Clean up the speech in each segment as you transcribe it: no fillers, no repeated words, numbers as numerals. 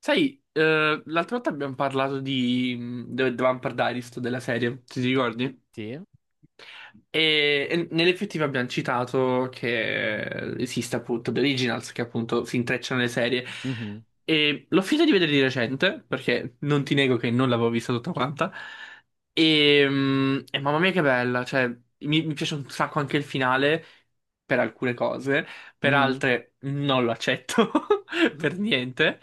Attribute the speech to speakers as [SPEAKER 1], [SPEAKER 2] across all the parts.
[SPEAKER 1] Sai, l'altra volta abbiamo parlato di The Vampire Diaries, della serie, ti ricordi?
[SPEAKER 2] Sì.
[SPEAKER 1] E nell'effettivo abbiamo citato che esiste appunto The Originals, che appunto si intrecciano le serie.
[SPEAKER 2] Mhm.
[SPEAKER 1] E l'ho finita di vedere di recente, perché non ti nego che non l'avevo vista tutta quanta. E mamma mia che bella, cioè mi piace un sacco anche il finale, per alcune cose, per
[SPEAKER 2] Mm.
[SPEAKER 1] altre non lo accetto per niente.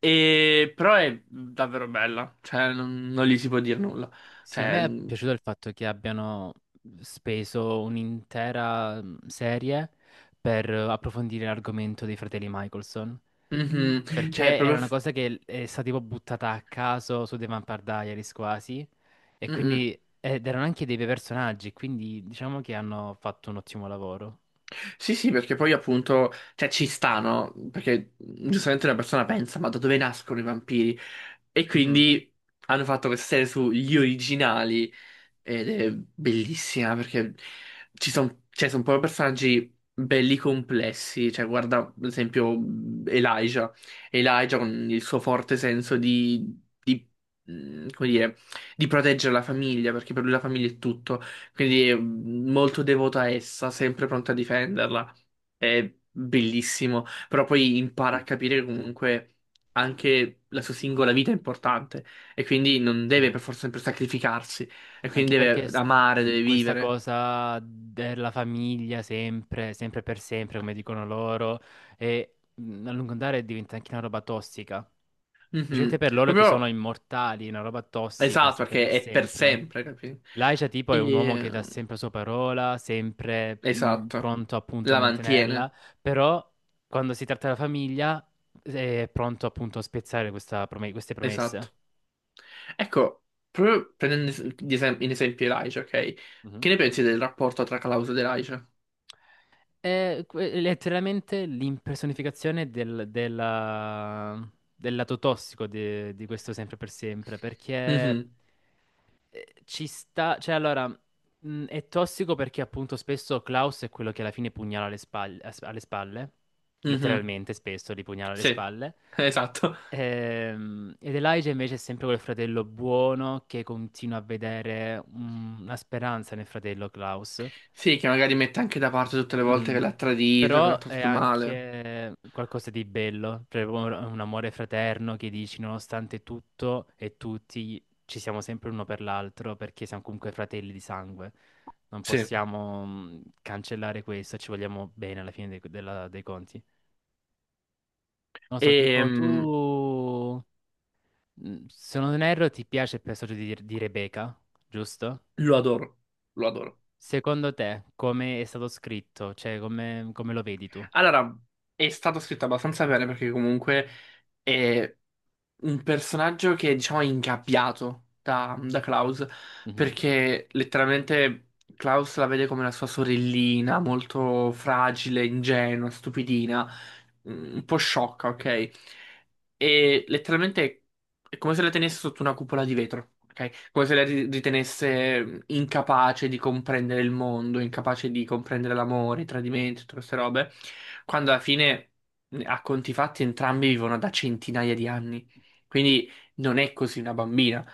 [SPEAKER 1] Però è davvero bella, cioè non gli si può dire nulla.
[SPEAKER 2] Sì, a
[SPEAKER 1] Cioè,
[SPEAKER 2] me è piaciuto il fatto che abbiano speso un'intera serie per approfondire l'argomento dei fratelli Michelson.
[SPEAKER 1] mhm, cioè è
[SPEAKER 2] Perché era
[SPEAKER 1] proprio...
[SPEAKER 2] una
[SPEAKER 1] f-
[SPEAKER 2] cosa che è stata tipo buttata a caso su The Vampire Diaries quasi. E
[SPEAKER 1] Mhm.
[SPEAKER 2] quindi ed erano anche dei bei personaggi, quindi diciamo che hanno fatto un ottimo lavoro.
[SPEAKER 1] Sì, sì, perché poi appunto, cioè ci sta, no? Perché giustamente una persona pensa, ma da dove nascono i vampiri? E
[SPEAKER 2] Mhm.
[SPEAKER 1] quindi hanno fatto questa serie sugli originali ed è bellissima perché ci sono cioè, son proprio personaggi belli complessi. Cioè, guarda, ad esempio, Elijah. Elijah con il suo forte senso di, come dire, di proteggere la famiglia, perché per lui la famiglia è tutto. Quindi è molto devoto a essa, sempre pronto a difenderla. È bellissimo. Però poi impara a capire che comunque anche la sua singola vita è importante e quindi non deve
[SPEAKER 2] Sì.
[SPEAKER 1] per forza sempre sacrificarsi. E
[SPEAKER 2] Anche
[SPEAKER 1] quindi
[SPEAKER 2] perché
[SPEAKER 1] deve amare, deve
[SPEAKER 2] questa
[SPEAKER 1] vivere.
[SPEAKER 2] cosa della famiglia sempre, sempre per sempre, come dicono loro, e a lungo andare diventa anche una roba tossica. Specialmente
[SPEAKER 1] Mhm.
[SPEAKER 2] per loro che sono
[SPEAKER 1] Proprio
[SPEAKER 2] immortali, una roba tossica,
[SPEAKER 1] esatto,
[SPEAKER 2] sempre
[SPEAKER 1] perché
[SPEAKER 2] per
[SPEAKER 1] è per
[SPEAKER 2] sempre.
[SPEAKER 1] sempre, capito?
[SPEAKER 2] Laisha tipo è un uomo che
[SPEAKER 1] E—
[SPEAKER 2] dà sempre la sua parola, sempre
[SPEAKER 1] Esatto.
[SPEAKER 2] pronto appunto a
[SPEAKER 1] La
[SPEAKER 2] mantenerla,
[SPEAKER 1] mantiene.
[SPEAKER 2] però quando si tratta della famiglia è pronto appunto a spezzare questa queste promesse.
[SPEAKER 1] Esatto. Ecco, proprio prendendo in esempio Elijah, ok?
[SPEAKER 2] Mhm.
[SPEAKER 1] Che ne pensi del rapporto tra Klaus ed Elijah?
[SPEAKER 2] Letteralmente l'impersonificazione del lato tossico di questo sempre per sempre, perché
[SPEAKER 1] Mhm,
[SPEAKER 2] ci sta, cioè allora, è tossico perché appunto spesso Klaus è quello che alla fine pugnala alle spalle,
[SPEAKER 1] mhm.
[SPEAKER 2] letteralmente spesso li pugnala alle
[SPEAKER 1] Sì,
[SPEAKER 2] spalle.
[SPEAKER 1] esatto.
[SPEAKER 2] Ed Elijah invece è sempre quel fratello buono che continua a vedere una speranza nel fratello Klaus.
[SPEAKER 1] Sì, che magari mette anche da parte tutte le volte che
[SPEAKER 2] Mhm.
[SPEAKER 1] l'ha tradito, che l'ha
[SPEAKER 2] Però è
[SPEAKER 1] trattato male.
[SPEAKER 2] anche qualcosa di bello, cioè proprio un amore fraterno che dici nonostante tutto e tutti ci siamo sempre uno per l'altro perché siamo comunque fratelli di sangue. Non
[SPEAKER 1] Sì.
[SPEAKER 2] possiamo cancellare questo, ci vogliamo bene alla fine dei conti. Non so,
[SPEAKER 1] E
[SPEAKER 2] tipo tu, se non erro, ti piace il personaggio di Rebecca, giusto?
[SPEAKER 1] lo adoro, lo adoro.
[SPEAKER 2] Secondo te, come è stato scritto? Cioè, come lo vedi tu?
[SPEAKER 1] Allora, è stato scritto abbastanza bene perché comunque è un personaggio che, diciamo, è diciamo, ingabbiato da Klaus
[SPEAKER 2] Mhm.
[SPEAKER 1] perché letteralmente Klaus la vede come la sua sorellina, molto fragile, ingenua, stupidina, un po' sciocca, ok? E letteralmente è come se la tenesse sotto una cupola di vetro, ok? Come se la ritenesse incapace di comprendere il mondo, incapace di comprendere l'amore, i tradimenti, tutte queste robe, quando alla fine, a conti fatti, entrambi vivono da centinaia di anni. Quindi non è così una bambina.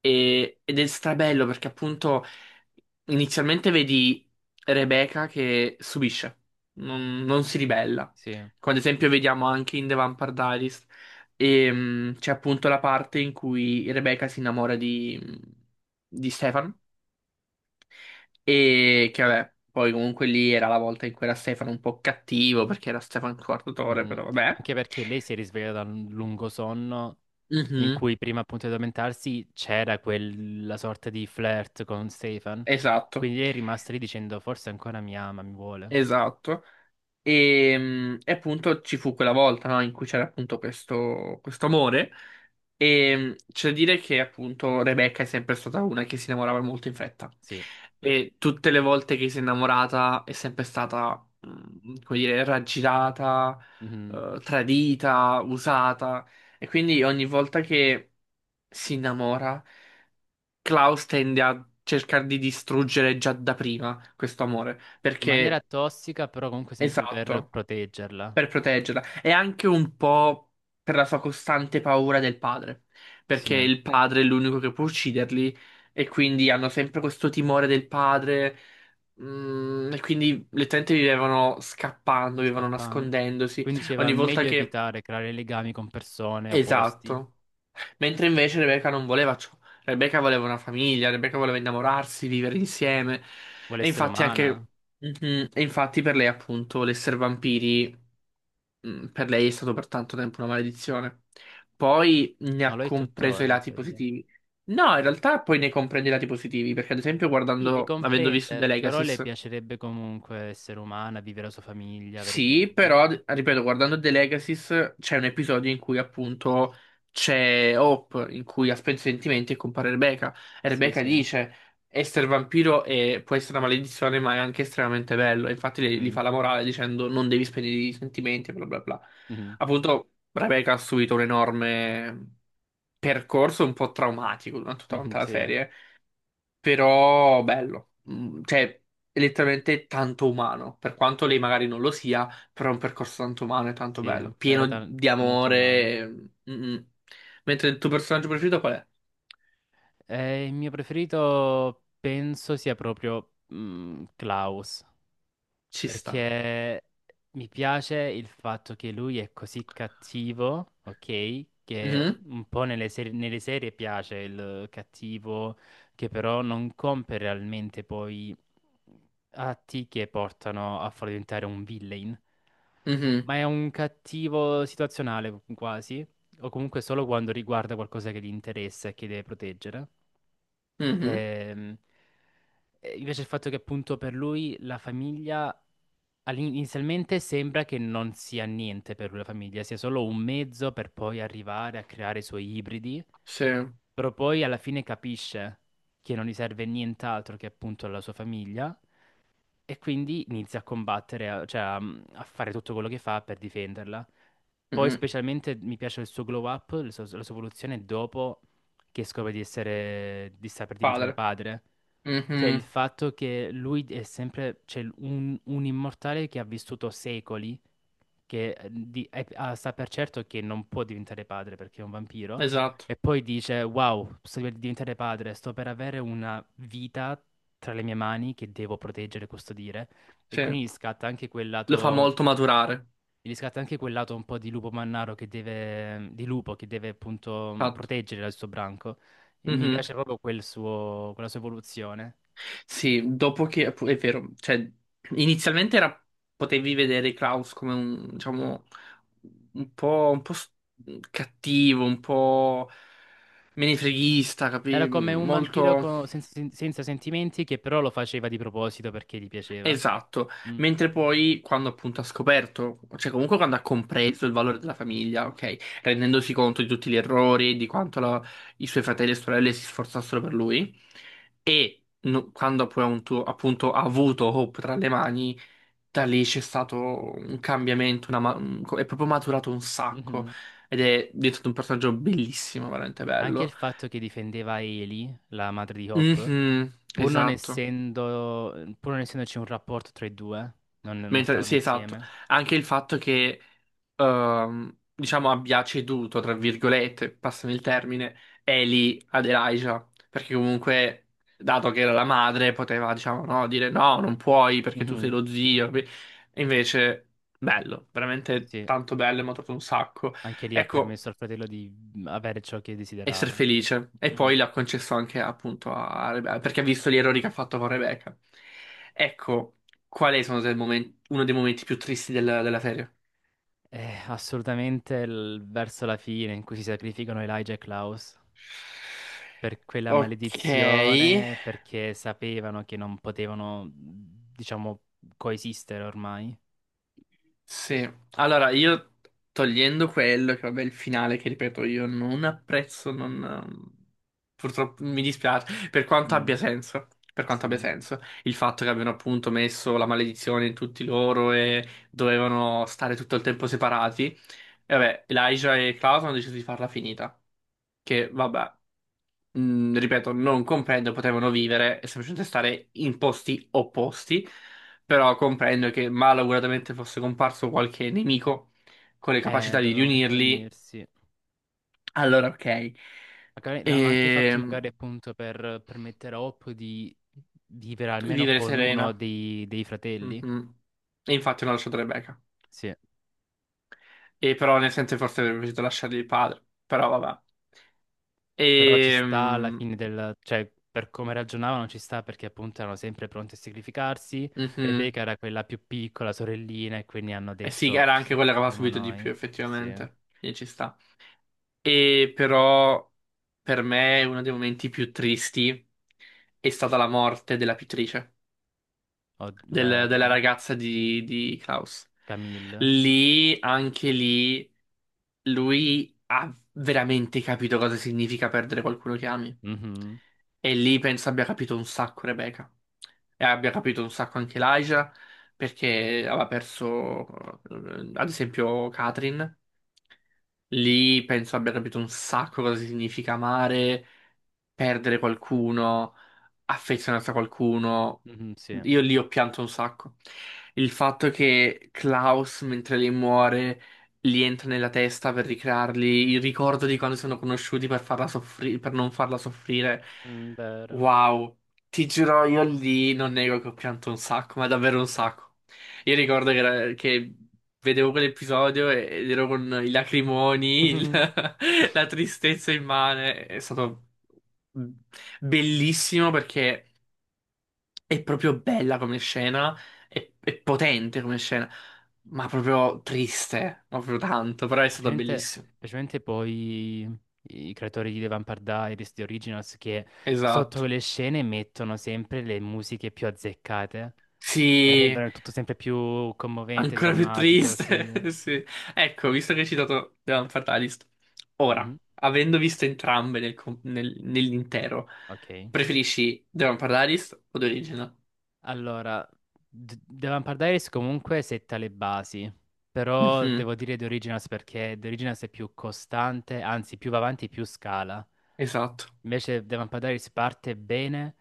[SPEAKER 1] Ed è strabello perché appunto inizialmente vedi Rebecca che subisce, non si ribella.
[SPEAKER 2] Sì.
[SPEAKER 1] Come ad esempio vediamo anche in The Vampire Diaries, c'è appunto la parte in cui Rebecca si innamora di Stefan e che vabbè, poi comunque lì era la volta in cui era Stefan un po' cattivo perché era Stefan Quartatore,
[SPEAKER 2] Mhm.
[SPEAKER 1] però vabbè.
[SPEAKER 2] Anche perché lei si è risvegliata da un lungo sonno in
[SPEAKER 1] Mhm,
[SPEAKER 2] cui prima appunto di addormentarsi c'era quella sorta di flirt con Stefan.
[SPEAKER 1] esatto,
[SPEAKER 2] Quindi lei è rimasta lì dicendo forse ancora mi ama, mi vuole.
[SPEAKER 1] esatto. E appunto ci fu quella volta, no, in cui c'era appunto questo amore. E c'è da dire che appunto Rebecca è sempre stata una che si innamorava molto in fretta.
[SPEAKER 2] Sì.
[SPEAKER 1] E tutte le volte che si è innamorata è sempre stata, come dire, raggirata,
[SPEAKER 2] Mhm.
[SPEAKER 1] tradita, usata. E quindi ogni volta che si innamora, Klaus tende a cercare di distruggere già da prima questo amore.
[SPEAKER 2] In maniera
[SPEAKER 1] Perché—
[SPEAKER 2] tossica, però comunque sempre per
[SPEAKER 1] esatto,
[SPEAKER 2] proteggerla.
[SPEAKER 1] per proteggerla e anche un po' per la sua costante paura del padre,
[SPEAKER 2] Sì,
[SPEAKER 1] perché il padre è l'unico che può ucciderli e quindi hanno sempre questo timore del padre, e quindi letteralmente vivevano scappando, vivevano
[SPEAKER 2] scappando.
[SPEAKER 1] nascondendosi.
[SPEAKER 2] Quindi diceva
[SPEAKER 1] Ogni volta
[SPEAKER 2] meglio
[SPEAKER 1] che
[SPEAKER 2] evitare creare legami con persone opposti.
[SPEAKER 1] Esatto. Mentre invece Rebecca non voleva ciò. Rebecca voleva una famiglia, Rebecca voleva innamorarsi, vivere insieme.
[SPEAKER 2] Vuole
[SPEAKER 1] E
[SPEAKER 2] essere
[SPEAKER 1] infatti
[SPEAKER 2] umana,
[SPEAKER 1] anche... Mhm. E infatti per lei appunto l'essere vampiri, per lei è stato per tanto tempo una maledizione. Poi ne
[SPEAKER 2] ma
[SPEAKER 1] ha
[SPEAKER 2] lo è
[SPEAKER 1] compreso i
[SPEAKER 2] tuttora in
[SPEAKER 1] lati
[SPEAKER 2] teoria.
[SPEAKER 1] positivi. No, in realtà poi ne comprende i lati positivi, perché ad esempio
[SPEAKER 2] Sì, le
[SPEAKER 1] guardando, avendo visto
[SPEAKER 2] comprende,
[SPEAKER 1] The
[SPEAKER 2] però
[SPEAKER 1] Legacy.
[SPEAKER 2] le piacerebbe comunque essere umana, vivere la sua famiglia, avere
[SPEAKER 1] Sì,
[SPEAKER 2] figli.
[SPEAKER 1] però, ripeto, guardando The Legacies c'è un episodio in cui appunto c'è Hope, in cui ha spento i sentimenti e compare Rebecca. E
[SPEAKER 2] Sì,
[SPEAKER 1] Rebecca
[SPEAKER 2] sì.
[SPEAKER 1] dice, essere vampiro può essere una maledizione, ma è anche estremamente bello. E infatti gli
[SPEAKER 2] Mhm,
[SPEAKER 1] fa la morale dicendo non devi spegnere i sentimenti, bla bla bla.
[SPEAKER 2] mhm,
[SPEAKER 1] Appunto, Rebecca ha subito un enorme percorso un po' traumatico durante
[SPEAKER 2] mhm.
[SPEAKER 1] tutta la
[SPEAKER 2] Sì,
[SPEAKER 1] serie però bello, cioè è letteralmente tanto umano, per quanto lei magari non lo sia, però è un percorso tanto umano e tanto
[SPEAKER 2] sì,
[SPEAKER 1] bello,
[SPEAKER 2] era
[SPEAKER 1] pieno di
[SPEAKER 2] molto umana.
[SPEAKER 1] amore. Mm, mm. Mm. Mentre il tuo personaggio preferito qual è?
[SPEAKER 2] Il mio preferito penso sia proprio Klaus.
[SPEAKER 1] Ci sta.
[SPEAKER 2] Perché mi piace il fatto che lui è così cattivo, ok? Che
[SPEAKER 1] Mhm,
[SPEAKER 2] un po' nelle serie piace il cattivo, che però non compie realmente poi atti che portano a far diventare un villain.
[SPEAKER 1] mhm,
[SPEAKER 2] Ma è un cattivo situazionale quasi, o comunque solo quando riguarda qualcosa che gli interessa e che deve proteggere.
[SPEAKER 1] mhm.
[SPEAKER 2] Ehm, e invece il fatto che appunto per lui la famiglia inizialmente sembra che non sia niente per lui la famiglia, sia solo un mezzo per poi arrivare a creare i suoi ibridi,
[SPEAKER 1] Sì,
[SPEAKER 2] però poi alla fine capisce che non gli serve nient'altro che appunto la sua famiglia e quindi inizia a combattere, cioè a fare tutto quello che fa per difenderla. Poi
[SPEAKER 1] mhm.
[SPEAKER 2] specialmente mi piace il suo glow up, la sua evoluzione dopo che scopre di sta per diventare
[SPEAKER 1] Padre.
[SPEAKER 2] padre. Cioè il
[SPEAKER 1] Mhm,
[SPEAKER 2] fatto che lui è sempre, cioè un immortale che ha vissuto secoli, che sa per certo che non può diventare padre perché è un vampiro,
[SPEAKER 1] esatto,
[SPEAKER 2] e poi dice, wow, sto per diventare padre, sto per avere una vita tra le mie mani che devo proteggere e custodire. E
[SPEAKER 1] sì.
[SPEAKER 2] quindi gli scatta anche quel
[SPEAKER 1] Lo fa
[SPEAKER 2] lato,
[SPEAKER 1] molto maturare.
[SPEAKER 2] gli scatta anche quel lato un po' di lupo mannaro di lupo che deve appunto
[SPEAKER 1] Fatto.
[SPEAKER 2] proteggere il suo branco. E mi
[SPEAKER 1] Mm-hmm.
[SPEAKER 2] piace proprio quella sua evoluzione.
[SPEAKER 1] Sì, dopo che è vero, cioè inizialmente era, potevi vedere Klaus come un, diciamo, un po' cattivo, un po' menefreghista,
[SPEAKER 2] Era
[SPEAKER 1] capi?
[SPEAKER 2] come un vampiro
[SPEAKER 1] Molto—
[SPEAKER 2] senza sentimenti che però lo faceva di proposito perché gli piaceva.
[SPEAKER 1] esatto.
[SPEAKER 2] Mm.
[SPEAKER 1] Mentre poi quando appunto ha scoperto, cioè comunque quando ha compreso il valore della famiglia, ok, rendendosi conto di tutti gli errori, di quanto i suoi fratelli e sorelle si sforzassero per lui, e quando poi appunto ha avuto Hope tra le mani, da lì c'è stato un cambiamento, è proprio maturato un sacco
[SPEAKER 2] Mhm.
[SPEAKER 1] ed è diventato un personaggio bellissimo, veramente
[SPEAKER 2] Anche il
[SPEAKER 1] bello.
[SPEAKER 2] fatto che difendeva Eli, la madre di Hop,
[SPEAKER 1] Mhm,
[SPEAKER 2] pur non
[SPEAKER 1] esatto.
[SPEAKER 2] essendo, pur non essendoci un rapporto tra i due, non
[SPEAKER 1] Mentre,
[SPEAKER 2] stavano
[SPEAKER 1] sì, esatto.
[SPEAKER 2] insieme.
[SPEAKER 1] Anche il fatto che, diciamo, abbia ceduto, tra virgolette, passami il termine, Ellie ad Elijah, perché comunque, dato che era la madre, poteva, diciamo, no, dire no, non puoi perché tu sei
[SPEAKER 2] Mhm.
[SPEAKER 1] lo zio. Capi? E invece, bello, veramente
[SPEAKER 2] Sì,
[SPEAKER 1] tanto bello, mi ha trovato un sacco.
[SPEAKER 2] anche lì ha
[SPEAKER 1] Ecco.
[SPEAKER 2] permesso al fratello di avere ciò che
[SPEAKER 1] Essere
[SPEAKER 2] desiderava.
[SPEAKER 1] felice. E
[SPEAKER 2] Mhm.
[SPEAKER 1] poi l'ha concesso anche appunto a Rebecca, perché ha visto gli errori che ha fatto con Rebecca. Ecco, qual è sono uno dei momenti più tristi della serie?
[SPEAKER 2] Assolutamente verso la fine in cui si sacrificano Elijah e Klaus per quella
[SPEAKER 1] Ok.
[SPEAKER 2] maledizione, perché sapevano che non potevano, diciamo, coesistere ormai.
[SPEAKER 1] Sì, allora io togliendo quello, che vabbè il finale che ripeto io non apprezzo, non— purtroppo mi dispiace, per quanto abbia
[SPEAKER 2] Mm.
[SPEAKER 1] senso, per
[SPEAKER 2] Sì.
[SPEAKER 1] quanto abbia senso, il fatto che abbiano appunto messo la maledizione in tutti loro e dovevano stare tutto il tempo separati, e vabbè Elijah e Klaus hanno deciso di farla finita, che vabbè, ripeto, non comprendo, potevano vivere e semplicemente stare in posti opposti però comprendo che malauguratamente fosse comparso qualche nemico con le capacità di
[SPEAKER 2] Dovevano comunque
[SPEAKER 1] riunirli,
[SPEAKER 2] unirsi.
[SPEAKER 1] allora ok.
[SPEAKER 2] Magari l'hanno anche fatto
[SPEAKER 1] E
[SPEAKER 2] magari appunto per permettere a Hope di vivere almeno
[SPEAKER 1] vivere
[SPEAKER 2] con uno
[SPEAKER 1] serena.
[SPEAKER 2] dei fratelli.
[SPEAKER 1] Mhm. E infatti non ho lasciato Rebecca.
[SPEAKER 2] Sì.
[SPEAKER 1] E però nel senso forse avrebbe potuto lasciargli il padre, però vabbè.
[SPEAKER 2] Però ci
[SPEAKER 1] E,
[SPEAKER 2] sta alla fine cioè, per come ragionavano ci sta perché appunto erano sempre pronti a sacrificarsi. Rebecca era quella più piccola, sorellina, e quindi hanno
[SPEAKER 1] sì,
[SPEAKER 2] detto
[SPEAKER 1] era
[SPEAKER 2] ci
[SPEAKER 1] anche quella che aveva
[SPEAKER 2] sacrifichiamo
[SPEAKER 1] subito di
[SPEAKER 2] noi.
[SPEAKER 1] più
[SPEAKER 2] Sì.
[SPEAKER 1] effettivamente, quindi ci sta. E però per me uno dei momenti più tristi è stata la morte della pittrice. Della
[SPEAKER 2] Vero.
[SPEAKER 1] ragazza di Klaus.
[SPEAKER 2] Camille.
[SPEAKER 1] Lì, anche lì, lui ha veramente capito cosa significa perdere qualcuno che ami.
[SPEAKER 2] Mhm.
[SPEAKER 1] E lì penso abbia capito un sacco Rebecca. E abbia capito un sacco anche Elijah, perché aveva perso, ad esempio, Katrin. Lì penso abbia capito un sacco cosa significa amare, perdere qualcuno affezionato a qualcuno.
[SPEAKER 2] Mhm, sì.
[SPEAKER 1] Io lì ho pianto un sacco. Il fatto che Klaus, mentre lei muore, gli entra nella testa per ricrearli il ricordo di quando si sono conosciuti per farla per non farla soffrire.
[SPEAKER 2] Mm, vero.
[SPEAKER 1] Wow, ti giuro, io lì non nego che ho pianto un sacco, ma davvero un sacco. Io ricordo che, che vedevo quell'episodio ed ero con i lacrimoni, la tristezza immane. È stato Bellissimo perché è proprio bella come scena, è potente come scena, ma proprio triste, ma proprio tanto, però è stata
[SPEAKER 2] Specialmente,
[SPEAKER 1] bellissima.
[SPEAKER 2] specialmente poi i creatori di The Vampire Diaries, di Originals, che sotto
[SPEAKER 1] Esatto.
[SPEAKER 2] le scene mettono sempre le musiche più azzeccate. E
[SPEAKER 1] Sì,
[SPEAKER 2] rendono il tutto sempre più commovente,
[SPEAKER 1] ancora più
[SPEAKER 2] drammatico,
[SPEAKER 1] triste.
[SPEAKER 2] sì.
[SPEAKER 1] Sì. Ecco, visto che hai citato The Land Fatalist, ora,
[SPEAKER 2] Mhm.
[SPEAKER 1] avendo visto entrambe nell'intero,
[SPEAKER 2] Ok.
[SPEAKER 1] preferisci The Land Fatalist o The Original?
[SPEAKER 2] Allora, The Vampire Diaries comunque setta le basi, però
[SPEAKER 1] Mhm,
[SPEAKER 2] devo dire The Originals perché The Originals è più costante, anzi più va avanti più scala.
[SPEAKER 1] esatto.
[SPEAKER 2] Invece The Vampire Diaries parte bene,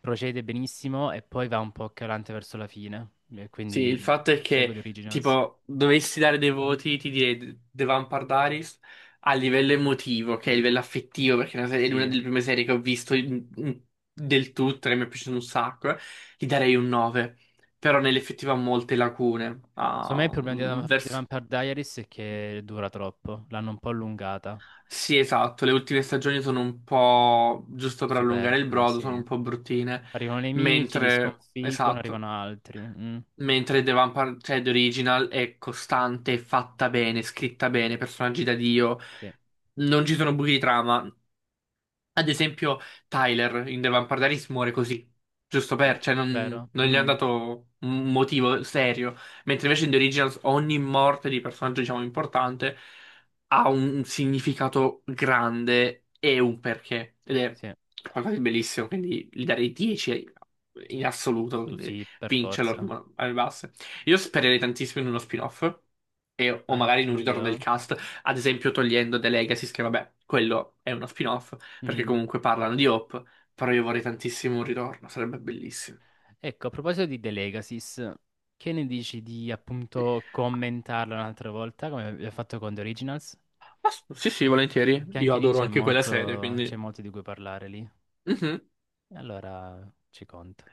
[SPEAKER 2] procede benissimo e poi va un po' calante verso la fine. E
[SPEAKER 1] Sì,
[SPEAKER 2] quindi
[SPEAKER 1] il fatto è
[SPEAKER 2] scelgo
[SPEAKER 1] che,
[SPEAKER 2] The Originals.
[SPEAKER 1] tipo, dovessi dare dei voti, ti direi The Vampire Diaries a livello emotivo, che è a livello affettivo, perché è una serie- è
[SPEAKER 2] Sì.
[SPEAKER 1] una
[SPEAKER 2] Eh.
[SPEAKER 1] delle prime serie che ho visto del tutto, che mi è piaciuto un sacco, gli darei un 9. Però nell'effettivo ha molte lacune.
[SPEAKER 2] Secondo me
[SPEAKER 1] ha
[SPEAKER 2] il problema
[SPEAKER 1] un-
[SPEAKER 2] di The
[SPEAKER 1] verso...
[SPEAKER 2] Vampire Diaries è che dura troppo, l'hanno un po' allungata.
[SPEAKER 1] Sì, esatto, le ultime stagioni sono un po', giusto per allungare il
[SPEAKER 2] Superflue,
[SPEAKER 1] brodo, sono
[SPEAKER 2] sì.
[SPEAKER 1] un po' bruttine,
[SPEAKER 2] Arrivano i nemici, li
[SPEAKER 1] mentre,
[SPEAKER 2] sconfiggono,
[SPEAKER 1] esatto.
[SPEAKER 2] arrivano altri. Mm,
[SPEAKER 1] Mentre The Vampire, cioè The Original, è costante, fatta bene, scritta bene, personaggi da Dio.
[SPEAKER 2] sì.
[SPEAKER 1] Non ci sono buchi di trama. Ad esempio, Tyler in The Vampire Diaries muore così, giusto
[SPEAKER 2] Mm,
[SPEAKER 1] per, cioè non,
[SPEAKER 2] vero?
[SPEAKER 1] non gli è
[SPEAKER 2] Mhm.
[SPEAKER 1] dato un motivo serio. Mentre invece in The Originals ogni morte di personaggio, diciamo, importante ha un significato grande e un perché. Ed è
[SPEAKER 2] Sì.
[SPEAKER 1] qualcosa di bellissimo, quindi gli darei 10 in assoluto, quindi
[SPEAKER 2] Sì, per forza.
[SPEAKER 1] vincerlo alle basse. Io spererei tantissimo in uno spin-off. O magari in un ritorno del
[SPEAKER 2] Anch'io.
[SPEAKER 1] cast, ad esempio togliendo The Legacy, che vabbè, quello è uno spin-off, perché
[SPEAKER 2] Mhm.
[SPEAKER 1] comunque parlano di Hope, però io vorrei tantissimo un ritorno, sarebbe bellissimo.
[SPEAKER 2] Ecco, a proposito di The Legacies, che ne dici di appunto commentarlo un'altra volta, come abbiamo fatto con The Originals?
[SPEAKER 1] Ma sì, sì, volentieri.
[SPEAKER 2] Che
[SPEAKER 1] Io
[SPEAKER 2] anche lì
[SPEAKER 1] adoro
[SPEAKER 2] c'è
[SPEAKER 1] anche quella serie,
[SPEAKER 2] molto, c'è
[SPEAKER 1] quindi—
[SPEAKER 2] molto di cui parlare lì.
[SPEAKER 1] Mhm.
[SPEAKER 2] E allora ci conto.